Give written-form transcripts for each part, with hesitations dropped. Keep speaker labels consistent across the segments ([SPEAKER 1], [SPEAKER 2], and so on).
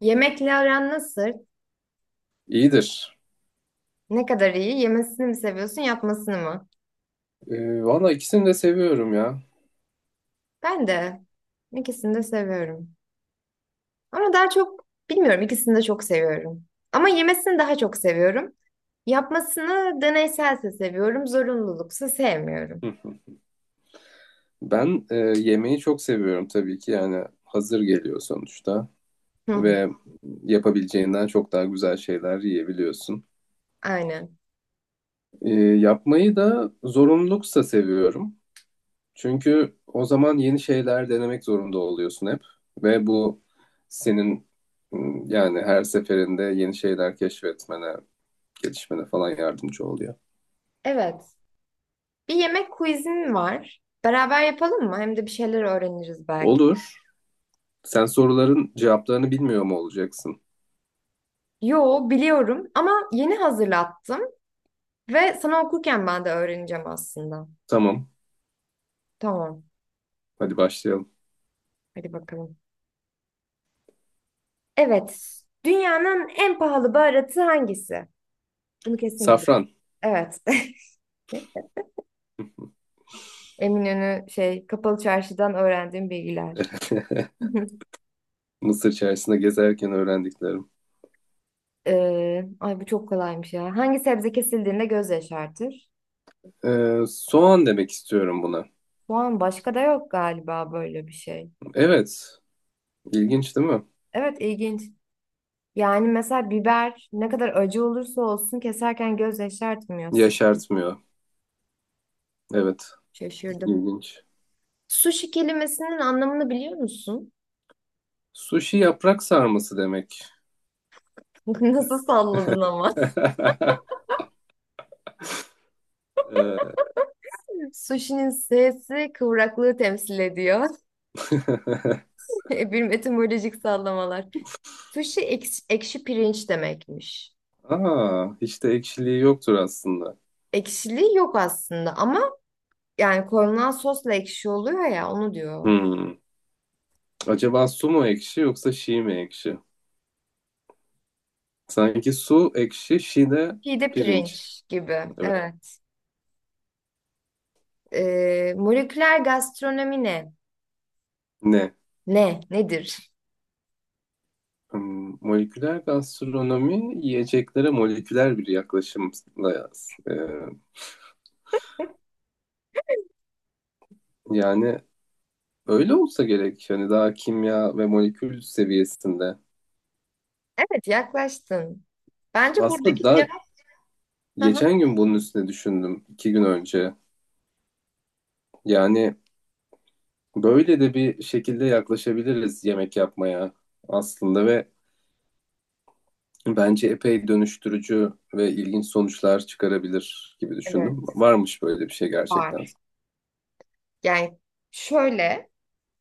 [SPEAKER 1] Yemekle aran nasıl?
[SPEAKER 2] İyidir.
[SPEAKER 1] Ne kadar iyi? Yemesini mi seviyorsun, yapmasını mı?
[SPEAKER 2] Valla ikisini de seviyorum ya.
[SPEAKER 1] Ben de ikisini de seviyorum. Ama daha çok bilmiyorum, ikisini de çok seviyorum. Ama yemesini daha çok seviyorum. Yapmasını deneyselse seviyorum, zorunluluksa sevmiyorum.
[SPEAKER 2] Hı. Ben yemeği çok seviyorum tabii ki, yani hazır geliyor sonuçta
[SPEAKER 1] Hı hı.
[SPEAKER 2] ve yapabileceğinden çok daha güzel şeyler yiyebiliyorsun.
[SPEAKER 1] Aynen.
[SPEAKER 2] Yapmayı da zorunluluksa seviyorum. Çünkü o zaman yeni şeyler denemek zorunda oluyorsun hep ve bu senin yani her seferinde yeni şeyler keşfetmene, gelişmene falan yardımcı oluyor.
[SPEAKER 1] Evet. Bir yemek quizim var. Beraber yapalım mı? Hem de bir şeyler öğreniriz belki.
[SPEAKER 2] Olur. Sen soruların cevaplarını bilmiyor mu olacaksın?
[SPEAKER 1] Yo, biliyorum ama yeni hazırlattım ve sana okurken ben de öğreneceğim aslında.
[SPEAKER 2] Tamam.
[SPEAKER 1] Tamam.
[SPEAKER 2] Hadi başlayalım.
[SPEAKER 1] Hadi bakalım. Evet. Dünyanın en pahalı baharatı hangisi? Bunu kesin bilirim.
[SPEAKER 2] Safran.
[SPEAKER 1] Evet. Eminönü kapalı çarşıdan öğrendiğim bilgiler.
[SPEAKER 2] Mısır çarşısında gezerken öğrendiklerim.
[SPEAKER 1] Ay bu çok kolaymış ya. Hangi sebze kesildiğinde göz yaşartır?
[SPEAKER 2] Soğan demek istiyorum buna.
[SPEAKER 1] Soğan, başka da yok galiba böyle bir şey.
[SPEAKER 2] Evet. ilginç değil mi?
[SPEAKER 1] Evet, ilginç. Yani mesela biber ne kadar acı olursa olsun keserken göz yaşartmıyor.
[SPEAKER 2] Yaşartmıyor. Evet.
[SPEAKER 1] Şaşırdım.
[SPEAKER 2] ilginç.
[SPEAKER 1] Sushi kelimesinin anlamını biliyor musun?
[SPEAKER 2] Sushi yaprak sarması demek.
[SPEAKER 1] Nasıl salladın ama?
[SPEAKER 2] Ee,
[SPEAKER 1] Sushi'nin S'si kıvraklığı temsil ediyor. Bir etimolojik sallamalar. Sushi ekşi, ekşi pirinç demekmiş.
[SPEAKER 2] Aa, hiç de ekşiliği yoktur aslında.
[SPEAKER 1] Ekşiliği yok aslında ama yani konulan sosla ekşi oluyor ya, onu diyor.
[SPEAKER 2] Hmm. Acaba su mu ekşi yoksa şi mi ekşi? Sanki su ekşi, şi de
[SPEAKER 1] Pide
[SPEAKER 2] pirinç.
[SPEAKER 1] pirinç gibi.
[SPEAKER 2] Evet.
[SPEAKER 1] Evet. Moleküler gastronomi ne?
[SPEAKER 2] Ne?
[SPEAKER 1] Ne? Nedir?
[SPEAKER 2] Moleküler gastronomi yiyeceklere moleküler bir yaklaşımla, e, yani öyle olsa gerek, hani daha kimya ve molekül seviyesinde.
[SPEAKER 1] Evet, yaklaştın. Bence
[SPEAKER 2] Aslında
[SPEAKER 1] buradaki
[SPEAKER 2] daha
[SPEAKER 1] cevap hı hı.
[SPEAKER 2] geçen gün bunun üstüne düşündüm, iki gün önce. Yani böyle de bir şekilde yaklaşabiliriz yemek yapmaya aslında ve bence epey dönüştürücü ve ilginç sonuçlar çıkarabilir gibi düşündüm.
[SPEAKER 1] Evet,
[SPEAKER 2] Varmış böyle bir şey gerçekten.
[SPEAKER 1] var. Yani şöyle,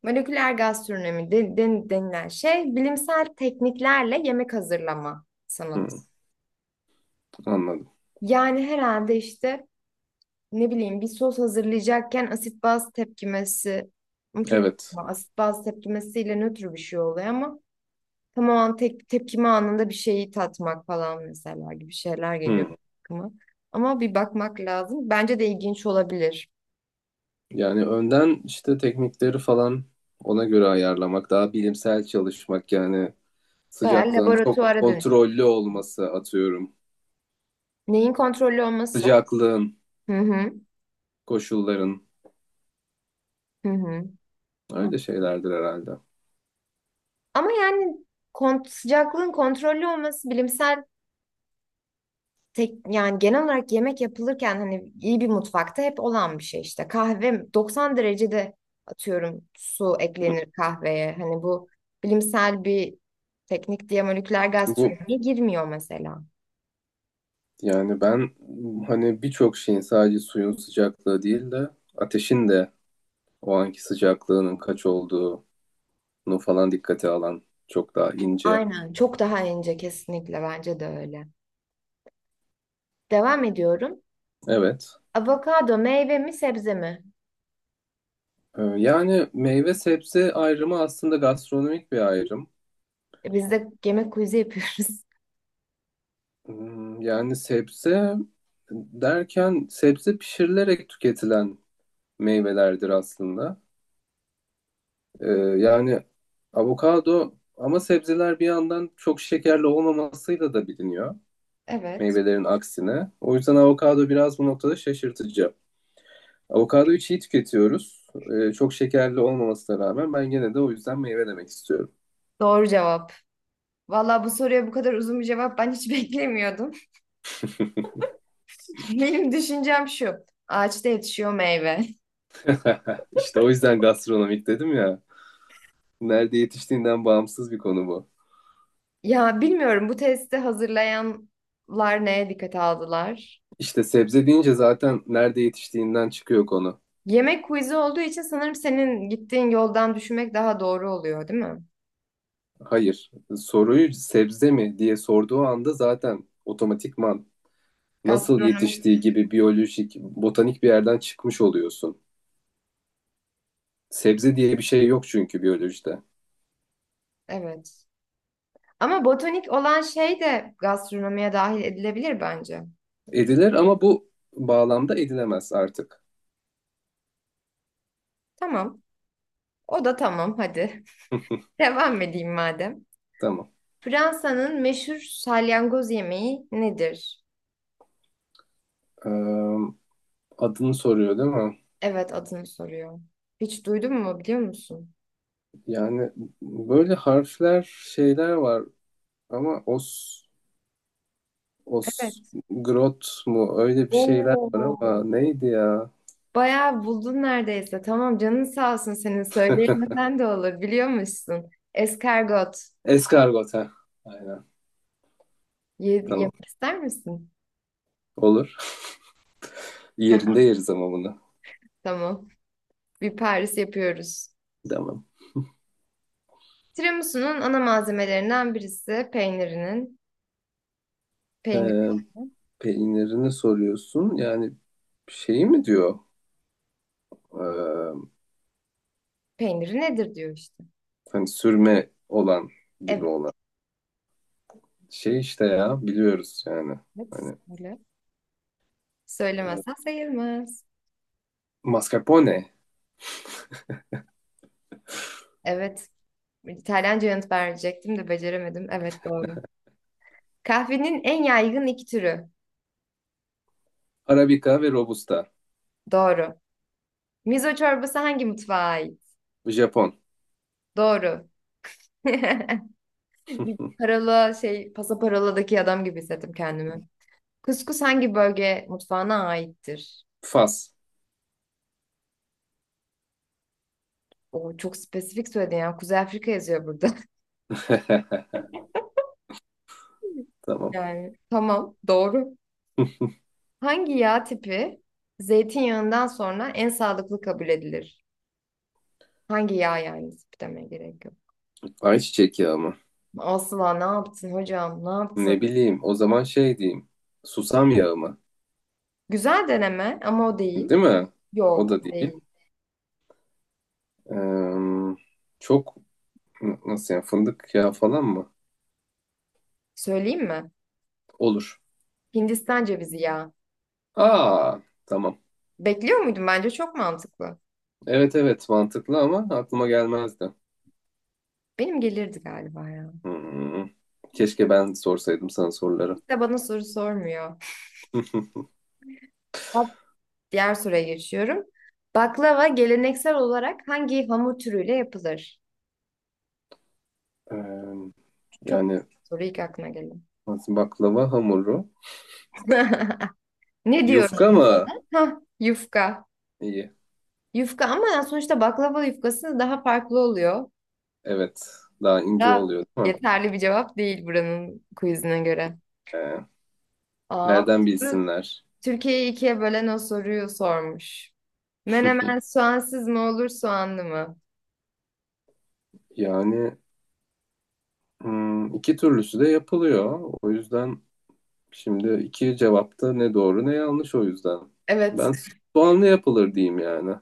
[SPEAKER 1] moleküler gastronomi denilen şey bilimsel tekniklerle yemek hazırlama sanatı.
[SPEAKER 2] Hmm, anladım.
[SPEAKER 1] Yani herhalde işte ne bileyim bir sos hazırlayacakken asit baz tepkimesi, ama çok
[SPEAKER 2] Evet.
[SPEAKER 1] asit baz tepkimesiyle nötr bir şey oluyor ama tamamen tek, tepkime anında bir şeyi tatmak falan mesela gibi şeyler geliyor
[SPEAKER 2] Hmm.
[SPEAKER 1] aklıma. Ama bir bakmak lazım. Bence de ilginç olabilir.
[SPEAKER 2] Yani önden işte teknikleri falan ona göre ayarlamak, daha bilimsel çalışmak, yani
[SPEAKER 1] Bayağı
[SPEAKER 2] sıcaklığın çok
[SPEAKER 1] laboratuvara dönüş.
[SPEAKER 2] kontrollü olması atıyorum.
[SPEAKER 1] Neyin kontrollü olması?
[SPEAKER 2] Sıcaklığın,
[SPEAKER 1] Hı hı.
[SPEAKER 2] koşulların,
[SPEAKER 1] Hı hı.
[SPEAKER 2] öyle şeylerdir herhalde.
[SPEAKER 1] Ama yani sıcaklığın kontrollü olması bilimsel yani genel olarak yemek yapılırken hani iyi bir mutfakta hep olan bir şey işte. Kahve 90 derecede atıyorum su eklenir kahveye. Hani bu bilimsel bir teknik diye moleküler
[SPEAKER 2] Bu,
[SPEAKER 1] gastronomiye girmiyor mesela.
[SPEAKER 2] yani ben hani birçok şeyin sadece suyun sıcaklığı değil de ateşin de o anki sıcaklığının kaç olduğunu falan dikkate alan çok daha ince.
[SPEAKER 1] Aynen, çok daha ince, kesinlikle bence de öyle. Devam ediyorum.
[SPEAKER 2] Evet.
[SPEAKER 1] Avokado meyve mi sebze mi?
[SPEAKER 2] Yani meyve sebze ayrımı aslında gastronomik bir ayrım.
[SPEAKER 1] Bizde yemek quiz'i yapıyoruz.
[SPEAKER 2] Yani sebze derken sebze pişirilerek tüketilen meyvelerdir aslında. Yani avokado, ama sebzeler bir yandan çok şekerli olmamasıyla da biliniyor
[SPEAKER 1] Evet.
[SPEAKER 2] meyvelerin aksine. O yüzden avokado biraz bu noktada şaşırtıcı. Avokadoyu çiğ tüketiyoruz. Çok şekerli olmamasına rağmen ben gene de o yüzden meyve demek istiyorum.
[SPEAKER 1] Doğru cevap. Valla bu soruya bu kadar uzun bir cevap ben hiç beklemiyordum. Benim düşüncem şu. Ağaçta yetişiyor meyve.
[SPEAKER 2] İşte o yüzden gastronomik dedim ya. Nerede yetiştiğinden bağımsız bir konu bu.
[SPEAKER 1] Ya bilmiyorum, bu testi hazırlayanlar neye dikkate aldılar?
[SPEAKER 2] İşte sebze deyince zaten nerede yetiştiğinden çıkıyor konu.
[SPEAKER 1] Yemek quiz'i olduğu için sanırım senin gittiğin yoldan düşünmek daha doğru oluyor, değil mi?
[SPEAKER 2] Hayır. Soruyu sebze mi diye sorduğu anda zaten otomatikman nasıl
[SPEAKER 1] Gastronomik,
[SPEAKER 2] yetiştiği gibi biyolojik, botanik bir yerden çıkmış oluyorsun. Sebze diye bir şey yok çünkü biyolojide.
[SPEAKER 1] evet. Ama botanik olan şey de gastronomiye dahil edilebilir bence.
[SPEAKER 2] Edilir, ama bu bağlamda edilemez artık.
[SPEAKER 1] Tamam. O da tamam hadi. Devam edeyim madem.
[SPEAKER 2] Tamam.
[SPEAKER 1] Fransa'nın meşhur salyangoz yemeği nedir?
[SPEAKER 2] Ee, Adını soruyor değil mi?
[SPEAKER 1] Evet, adını soruyor. Hiç duydun mu, biliyor musun?
[SPEAKER 2] Yani böyle harfler, şeyler var ama os, os,
[SPEAKER 1] Evet.
[SPEAKER 2] grot mu, öyle bir şeyler var ama
[SPEAKER 1] Oo.
[SPEAKER 2] neydi ya?
[SPEAKER 1] Bayağı buldun neredeyse. Tamam, canın sağ olsun, senin söyleyemesen de olur, biliyormuşsun. Eskargot.
[SPEAKER 2] Eskargot, ha. Aynen.
[SPEAKER 1] Ye,
[SPEAKER 2] Tamam.
[SPEAKER 1] yemek ister misin?
[SPEAKER 2] Olur. Yerinde yeriz ama bunu.
[SPEAKER 1] Tamam. Bir Paris yapıyoruz.
[SPEAKER 2] Tamam.
[SPEAKER 1] Tiramisu'nun ana malzemelerinden birisi peynirinin. Peynir,
[SPEAKER 2] Ee,
[SPEAKER 1] yani.
[SPEAKER 2] Peynirini soruyorsun. Yani şeyi mi diyor? Ee,
[SPEAKER 1] Peyniri nedir diyor işte.
[SPEAKER 2] Hani sürme olan gibi
[SPEAKER 1] Evet.
[SPEAKER 2] olan. Şey işte, ya biliyoruz yani.
[SPEAKER 1] Evet.
[SPEAKER 2] Hani
[SPEAKER 1] Söyle. Söylemezsen sayılmaz.
[SPEAKER 2] mascarpone,
[SPEAKER 1] Evet. İtalyanca yanıt verecektim de beceremedim. Evet, doğru. Kahvenin en yaygın iki türü.
[SPEAKER 2] arabica ve robusta.
[SPEAKER 1] Doğru. Mizo çorbası hangi mutfağa ait?
[SPEAKER 2] Japon.
[SPEAKER 1] Doğru. Bir parola pasaparoladaki adam gibi hissettim kendimi. Kuskus hangi bölge mutfağına aittir?
[SPEAKER 2] Fas.
[SPEAKER 1] O çok spesifik söyledin ya. Kuzey Afrika yazıyor burada.
[SPEAKER 2] Tamam.
[SPEAKER 1] Yani tamam, doğru. Hangi yağ tipi zeytinyağından sonra en sağlıklı kabul edilir? Hangi yağ yani, tipi demeye gerek yok.
[SPEAKER 2] Ayçiçek yağı mı?
[SPEAKER 1] Asla, ne yaptın hocam, ne yaptın?
[SPEAKER 2] Ne bileyim. O zaman şey diyeyim. Susam yağı mı?
[SPEAKER 1] Güzel deneme ama o değil.
[SPEAKER 2] Değil mi? O
[SPEAKER 1] Yok,
[SPEAKER 2] da
[SPEAKER 1] o
[SPEAKER 2] değil.
[SPEAKER 1] değil.
[SPEAKER 2] Ee, Çok Nasıl yani, fındık yağı falan mı?
[SPEAKER 1] Söyleyeyim mi?
[SPEAKER 2] Olur.
[SPEAKER 1] Hindistan cevizi ya.
[SPEAKER 2] Aa, tamam.
[SPEAKER 1] Bekliyor muydun? Bence çok mantıklı.
[SPEAKER 2] Evet, evet, mantıklı ama aklıma gelmezdi.
[SPEAKER 1] Benim gelirdi galiba ya.
[SPEAKER 2] Hmm. Keşke ben sorsaydım sana soruları.
[SPEAKER 1] Hiç de bana soru sormuyor. Bak, diğer soruya geçiyorum. Baklava geleneksel olarak hangi hamur türüyle yapılır?
[SPEAKER 2] Ee,
[SPEAKER 1] Çok
[SPEAKER 2] Yani
[SPEAKER 1] ilk aklına gelen.
[SPEAKER 2] nasıl, baklava hamuru.
[SPEAKER 1] Ne diyoruz
[SPEAKER 2] Yufka
[SPEAKER 1] biz
[SPEAKER 2] mı?
[SPEAKER 1] ona? Hah, yufka.
[SPEAKER 2] İyi.
[SPEAKER 1] Yufka, ama yani sonuçta baklava yufkası daha farklı oluyor.
[SPEAKER 2] Evet. Daha ince
[SPEAKER 1] Da
[SPEAKER 2] oluyor değil mi?
[SPEAKER 1] yeterli bir cevap değil buranın quizine göre.
[SPEAKER 2] Ee,
[SPEAKER 1] Aa, bu
[SPEAKER 2] Nereden
[SPEAKER 1] soru
[SPEAKER 2] bilsinler?
[SPEAKER 1] Türkiye'yi ikiye bölen o soruyu sormuş. Menemen soğansız mı olur, soğanlı mı?
[SPEAKER 2] Yani iki türlüsü de yapılıyor. O yüzden şimdi iki cevapta ne doğru ne yanlış o yüzden.
[SPEAKER 1] Evet.
[SPEAKER 2] Ben soğanlı yapılır diyeyim yani.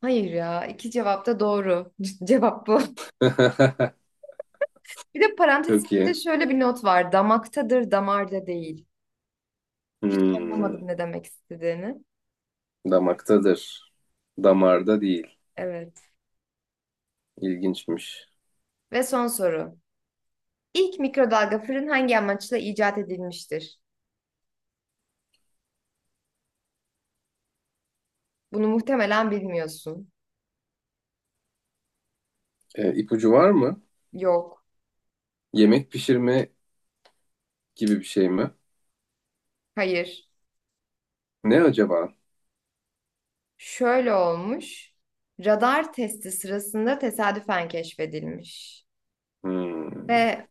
[SPEAKER 1] Hayır ya. İki cevap da doğru. Cevap bu. Bir de parantez
[SPEAKER 2] Çok iyi.
[SPEAKER 1] içinde şöyle bir not var. Damaktadır, damarda değil. Hiç
[SPEAKER 2] Hmm,
[SPEAKER 1] anlamadım ne demek istediğini.
[SPEAKER 2] Damaktadır. Damarda değil.
[SPEAKER 1] Evet.
[SPEAKER 2] İlginçmiş.
[SPEAKER 1] Ve son soru. İlk mikrodalga fırın hangi amaçla icat edilmiştir? Bunu muhtemelen bilmiyorsun.
[SPEAKER 2] İpucu var mı?
[SPEAKER 1] Yok.
[SPEAKER 2] Yemek pişirme gibi bir şey mi?
[SPEAKER 1] Hayır.
[SPEAKER 2] Ne acaba?
[SPEAKER 1] Şöyle olmuş. Radar testi sırasında tesadüfen keşfedilmiş.
[SPEAKER 2] Hmm,
[SPEAKER 1] Ve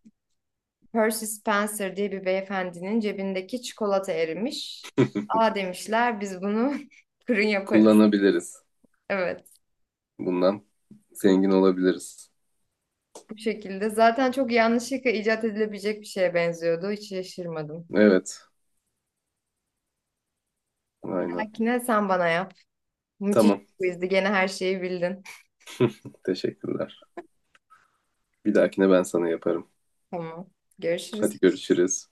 [SPEAKER 1] Percy Spencer diye bir beyefendinin cebindeki çikolata erimiş. Aa, demişler, biz bunu fırın yaparız.
[SPEAKER 2] Kullanabiliriz.
[SPEAKER 1] Evet,
[SPEAKER 2] Bundan zengin olabiliriz.
[SPEAKER 1] bu şekilde. Zaten çok yanlışlıkla icat edilebilecek bir şeye benziyordu. Hiç şaşırmadım.
[SPEAKER 2] Evet, aynen.
[SPEAKER 1] Makine sen bana yap. Müthiş bir
[SPEAKER 2] Tamam,
[SPEAKER 1] quizdi. Gene her şeyi bildin.
[SPEAKER 2] teşekkürler. Bir dahakine ben sana yaparım.
[SPEAKER 1] Tamam. Görüşürüz.
[SPEAKER 2] Hadi görüşürüz.